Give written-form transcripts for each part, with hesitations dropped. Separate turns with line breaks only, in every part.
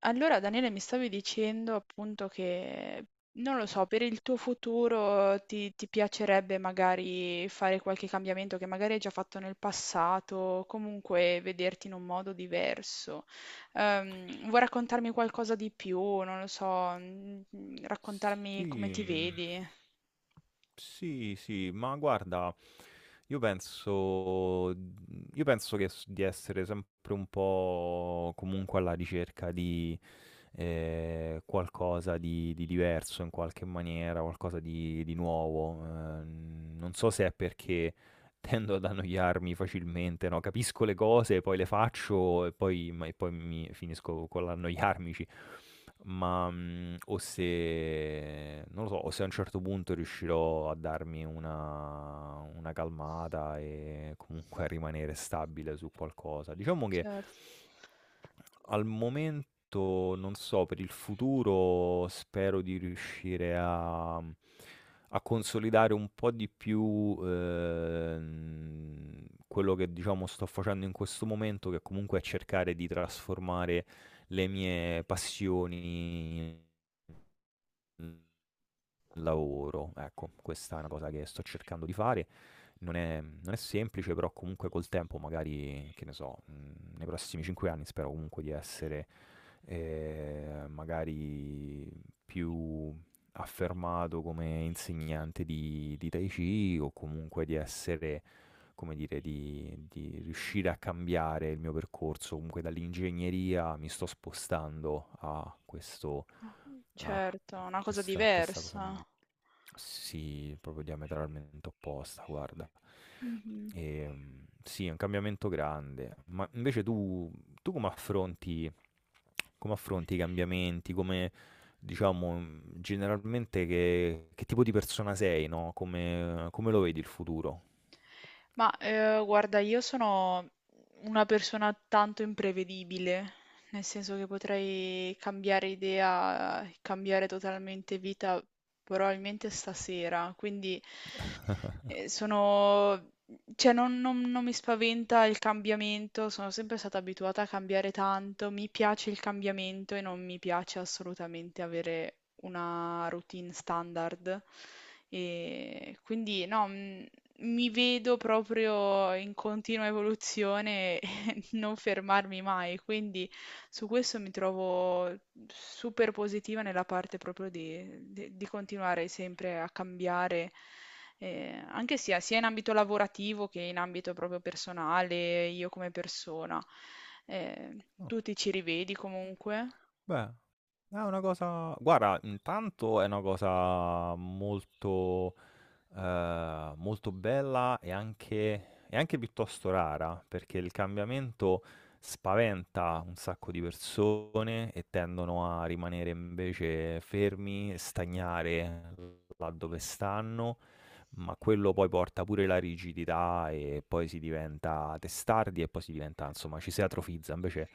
Allora, Daniele, mi stavi dicendo appunto che, non lo so, per il tuo futuro ti piacerebbe magari fare qualche cambiamento che magari hai già fatto nel passato, comunque vederti in un modo diverso. Vuoi raccontarmi qualcosa di più? Non lo so, raccontarmi come
Sì,
ti
mm,
vedi.
sì, sì, ma guarda, io penso, io penso che di essere sempre un po' comunque alla ricerca di qualcosa di diverso in qualche maniera, qualcosa di nuovo. Non so se è perché. Tendo ad annoiarmi facilmente, no, capisco le cose, poi le faccio e poi mi finisco con l'annoiarmici. Ma, o se non lo so, o se a un certo punto riuscirò a darmi una calmata e comunque a rimanere stabile su qualcosa. Diciamo che
Certo.
al momento non so, per il futuro spero di riuscire a consolidare un po' di più, quello che diciamo sto facendo in questo momento, che comunque è cercare di trasformare le mie passioni in lavoro. Ecco, questa è una cosa che sto cercando di fare. Non è semplice, però comunque col tempo, magari, che ne so, nei prossimi 5 anni spero comunque di essere magari più affermato come insegnante di Tai Chi o comunque di essere, come dire, di riuscire a cambiare il mio percorso. Comunque dall'ingegneria mi sto spostando a questo,
Ah,
a
certo, una cosa
questa, questa cosa
diversa.
nuova. Sì, proprio diametralmente opposta, guarda.
Mhm.
E, mm, sì, è un cambiamento grande. Ma invece tu come affronti i cambiamenti? Come, diciamo, generalmente che tipo di persona sei, no, come lo vedi il futuro?
Guarda, io sono una persona tanto imprevedibile, nel senso che potrei cambiare idea, cambiare totalmente vita, probabilmente stasera, quindi sono... Cioè, non mi spaventa il cambiamento, sono sempre stata abituata a cambiare tanto, mi piace il cambiamento e non mi piace assolutamente avere una routine standard. E quindi no, mi vedo proprio in continua evoluzione e non fermarmi mai, quindi su questo mi trovo super positiva nella parte proprio di, di continuare sempre a cambiare, anche sia, sia in ambito lavorativo che in ambito proprio personale, io come persona. Eh,
Oh,
Tu ti ci rivedi comunque?
beh, è una cosa guarda, intanto è una cosa molto, molto bella e anche piuttosto rara, perché il cambiamento spaventa un sacco di persone e tendono a rimanere invece fermi, stagnare là dove stanno, ma quello poi porta pure la rigidità e poi si diventa testardi e poi si diventa, insomma, ci si atrofizza. Invece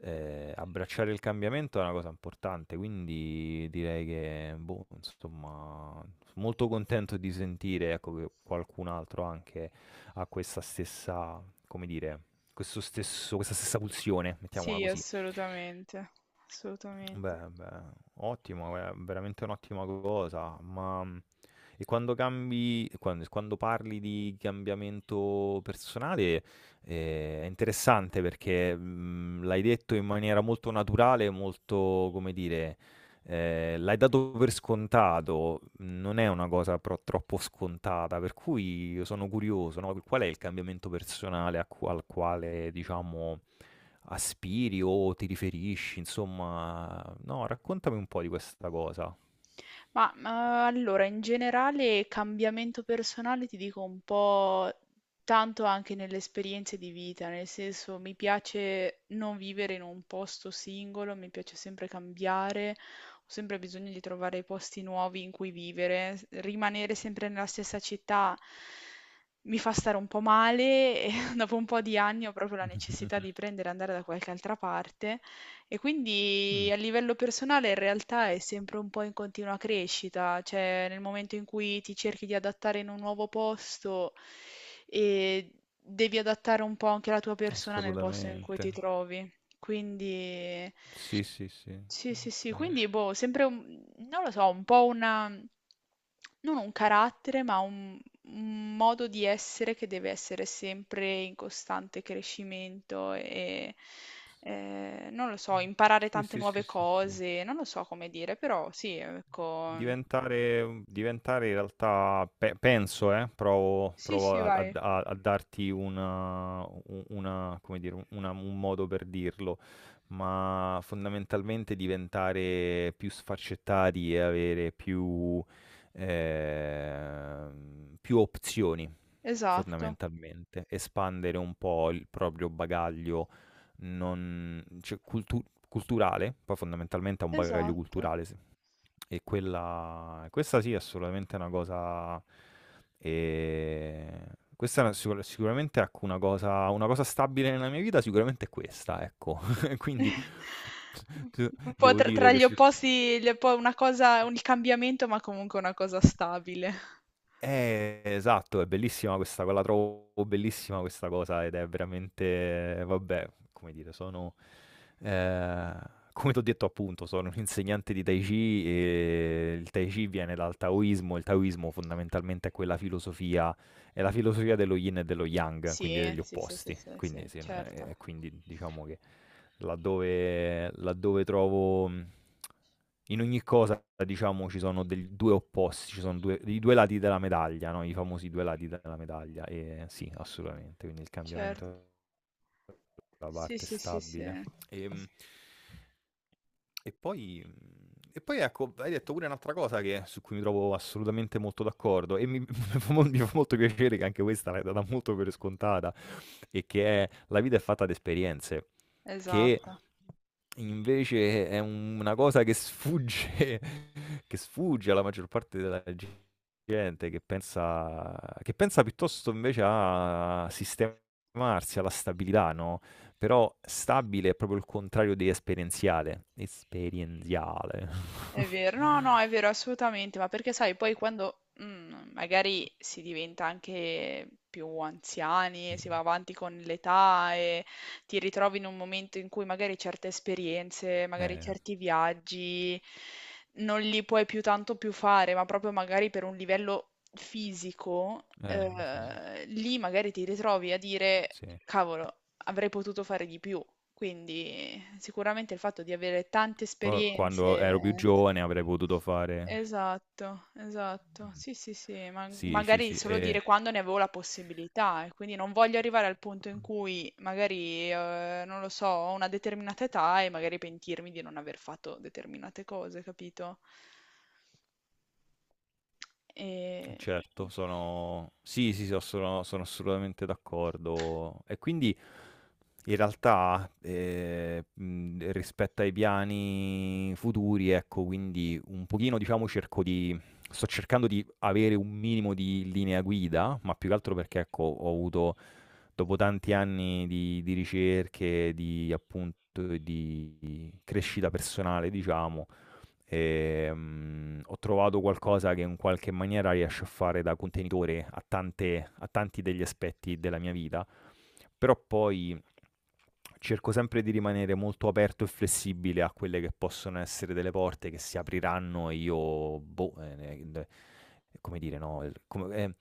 abbracciare il cambiamento è una cosa importante, quindi direi che, boh, insomma, molto contento di sentire, ecco, che qualcun altro anche ha questa stessa, come dire, questa stessa pulsione, mettiamola
Sì,
così.
assolutamente, assolutamente.
Beh, beh, ottimo, è veramente un'ottima cosa, ma e quando cambi, parli di cambiamento personale, è interessante perché l'hai detto in maniera molto naturale, molto, come dire, l'hai dato per scontato, non è una cosa troppo scontata, per cui io sono curioso, no? Qual è il cambiamento personale al quale, diciamo, aspiri o ti riferisci, insomma, no, raccontami un po' di questa cosa.
Ma allora, in generale, cambiamento personale ti dico un po' tanto anche nelle esperienze di vita, nel senso mi piace non vivere in un posto singolo, mi piace sempre cambiare, ho sempre bisogno di trovare posti nuovi in cui vivere, rimanere sempre nella stessa città mi fa stare un po' male e dopo un po' di anni ho proprio la necessità di prendere e andare da qualche altra parte. E quindi
Mm,
a livello personale in realtà è sempre un po' in continua crescita, cioè nel momento in cui ti cerchi di adattare in un nuovo posto e devi adattare un po' anche la tua persona nel posto in cui
assolutamente.
ti trovi. Quindi
Sì, sì, sì.
sì, sì,
Ok.
sì, quindi boh, sempre un, non lo so, un po' una, non un carattere, ma un modo di essere che deve essere sempre in costante crescimento e, non lo so, imparare
Sì,
tante
sì, sì,
nuove
sì, sì.
cose, non lo so come dire, però sì, ecco,
Diventare in realtà, penso, provo,
sì,
provo
sì,
a, a-
vai,
a- a darti come dire, un modo per dirlo, ma fondamentalmente diventare più sfaccettati e avere più opzioni,
esatto,
fondamentalmente, espandere un po' il proprio bagaglio non, cioè, culturale, poi fondamentalmente è un bagaglio
esatto.
culturale, e quella questa sì, assolutamente è assolutamente una cosa ehm, questa è una sicuramente, ecco, una cosa stabile nella mia vita, sicuramente è questa, ecco. Quindi
Un po'
devo
tra,
dire
tra
che
gli
su
opposti, una cosa, un il cambiamento, ma comunque una cosa stabile.
eh, esatto, è bellissima questa co la trovo bellissima questa cosa, ed è veramente vabbè, come dire, sono ehm, come t'ho detto appunto, sono un insegnante di Tai Chi e il Tai Chi viene dal Taoismo, il Taoismo fondamentalmente è la filosofia dello Yin e dello Yang, quindi
Sì,
degli
sì, sì, sì,
opposti.
sì,
Quindi
sì,
sì,
certo,
quindi diciamo che laddove trovo, mhmm in ogni cosa, diciamo, ci sono del 2 opposti, ci sono due i 2 lati della medaglia, no, i famosi 2 lati della medaglia. Sì, assolutamente, quindi il
certo.
cambiamento è la
Sì,
parte
sì, sì, sì.
stabile. Ehm e poi mhmm, e poi ecco, hai detto pure un'altra cosa che su cui mi trovo assolutamente molto d'accordo e mi mi fa molto piacere che anche questa l'hai data molto per scontata, e che è: la vita è fatta di esperienze, che
Esatto.
invece è una cosa che sfugge, che sfugge alla maggior parte della gente che pensa piuttosto invece a sistemarsi, alla stabilità, no, però stabile è proprio il contrario di esperienziale. Esperienziale.
È vero, no, no, è vero, assolutamente, ma perché sai, poi quando magari si diventa anche più anziani,
Sì.
si va avanti con l'età e ti ritrovi in un momento in cui magari certe esperienze, magari
Eh,
certi viaggi non li puoi più tanto più fare, ma proprio magari per un livello fisico,
sì,
lì magari ti ritrovi a dire,
sì.
cavolo, avrei potuto fare di più. Quindi sicuramente il fatto di avere tante
Poi quando ero più
esperienze.
giovane avrei potuto fare.
Esatto, esatto.
Mh.
Sì, sì, sì, ma
Sì, sì,
magari
sì.
solo
e
dire quando ne avevo la possibilità e quindi non voglio arrivare al punto
Mh.
in cui magari, non lo so, ho una determinata età e magari pentirmi di non aver fatto determinate cose, capito? E...
Certo, Sì, sì, sono assolutamente d'accordo. E quindi in realtà rispetto ai piani futuri, ecco, quindi un pochino, diciamo, sto cercando di avere un minimo di linea guida, ma più che altro perché, ecco, ho avuto, dopo tanti anni di ricerche, di appunto, di crescita personale, diciamo, ho trovato qualcosa che in qualche maniera riesce a fare da contenitore a tanti degli aspetti della mia vita, però poi cerco sempre di rimanere molto aperto e flessibile a quelle che possono essere delle porte che si apriranno e io, boh, d come dire, no, il come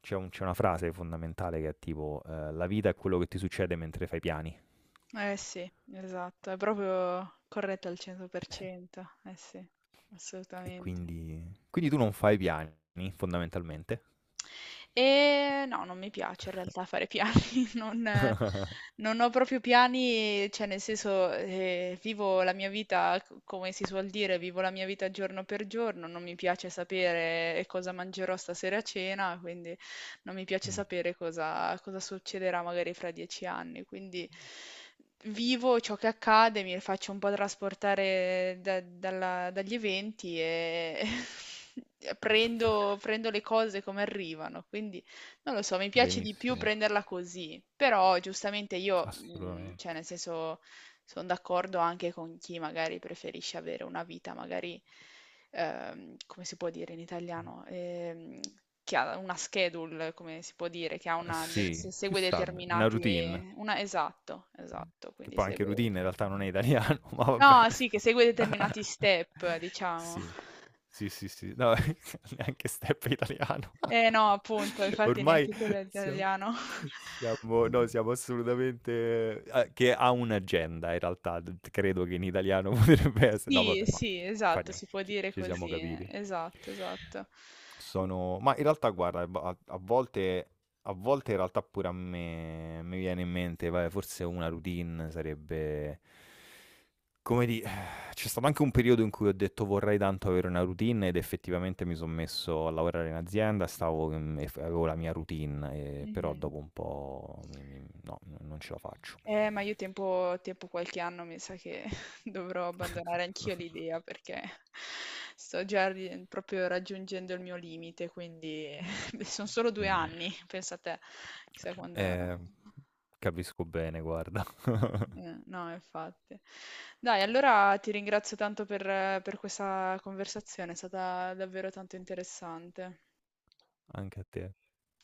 c'è una frase fondamentale che è tipo: "La vita è quello che ti succede mentre fai piani".
Eh sì, esatto, è proprio corretto al 100%, eh sì,
E
assolutamente.
quindi quindi tu non fai piani fondamentalmente?
No, non mi piace in realtà fare piani, non eh, non ho proprio piani, cioè nel senso, vivo la mia vita, c come si suol dire, vivo la mia vita giorno per giorno, non mi piace sapere cosa mangerò stasera a cena, quindi non mi piace
Mh.
sapere cosa succederà magari fra 10 anni, quindi vivo ciò che accade, mi faccio un po' trasportare dagli eventi e prendo le cose come arrivano. Quindi non lo so, mi piace di più
Benissimo,
prenderla così. Però giustamente io, cioè
assolutamente.
nel senso, sono d'accordo anche con chi magari preferisce avere una vita magari come si può dire in italiano, che ha una schedule, come si può dire, che ha una, de-
Sì,
se-
più
segue
stab 'na
determinati,
routine,
una, esatto, esatto,
che
quindi
poi anche
segue,
routine in realtà non è italiano, ma va
no, sì, che segue
bene.
determinati step, diciamo.
Sì, sì, sì, sì, no, neanche step è italiano.
Eh no, appunto, infatti
Ormai
neanche quello è
siamo
italiano.
siamo no, siamo assolutamente a che ha un'agenda in realtà, d credo che in italiano potrebbe esse no,
Sì,
vabbè, ma
sì,
fa
esatto,
nie
si può
ci
dire
ci siamo
così,
capiti.
esatto, esatto.
Ma in realtà, guarda, a volte in realtà pure a me mi viene in mente, vabbè, forse una routine sarebbe... Come di... C'è stato anche un periodo in cui ho detto vorrei tanto avere una routine ed effettivamente mi sono messo a lavorare in azienda, stavo, mm, e f- avevo la mia routine, però
Mhm.
dopo un po' no, non ce la faccio.
Ma io tempo qualche anno mi sa che dovrò abbandonare anch'io l'idea perché sto già proprio raggiungendo il mio limite, quindi sono solo due
Mm,
anni, pensa te, chissà quando...
eh, capisco bene, guarda,
Eh, no, infatti. Dai, allora ti ringrazio tanto per questa conversazione, è stata davvero tanto interessante.
anche a te.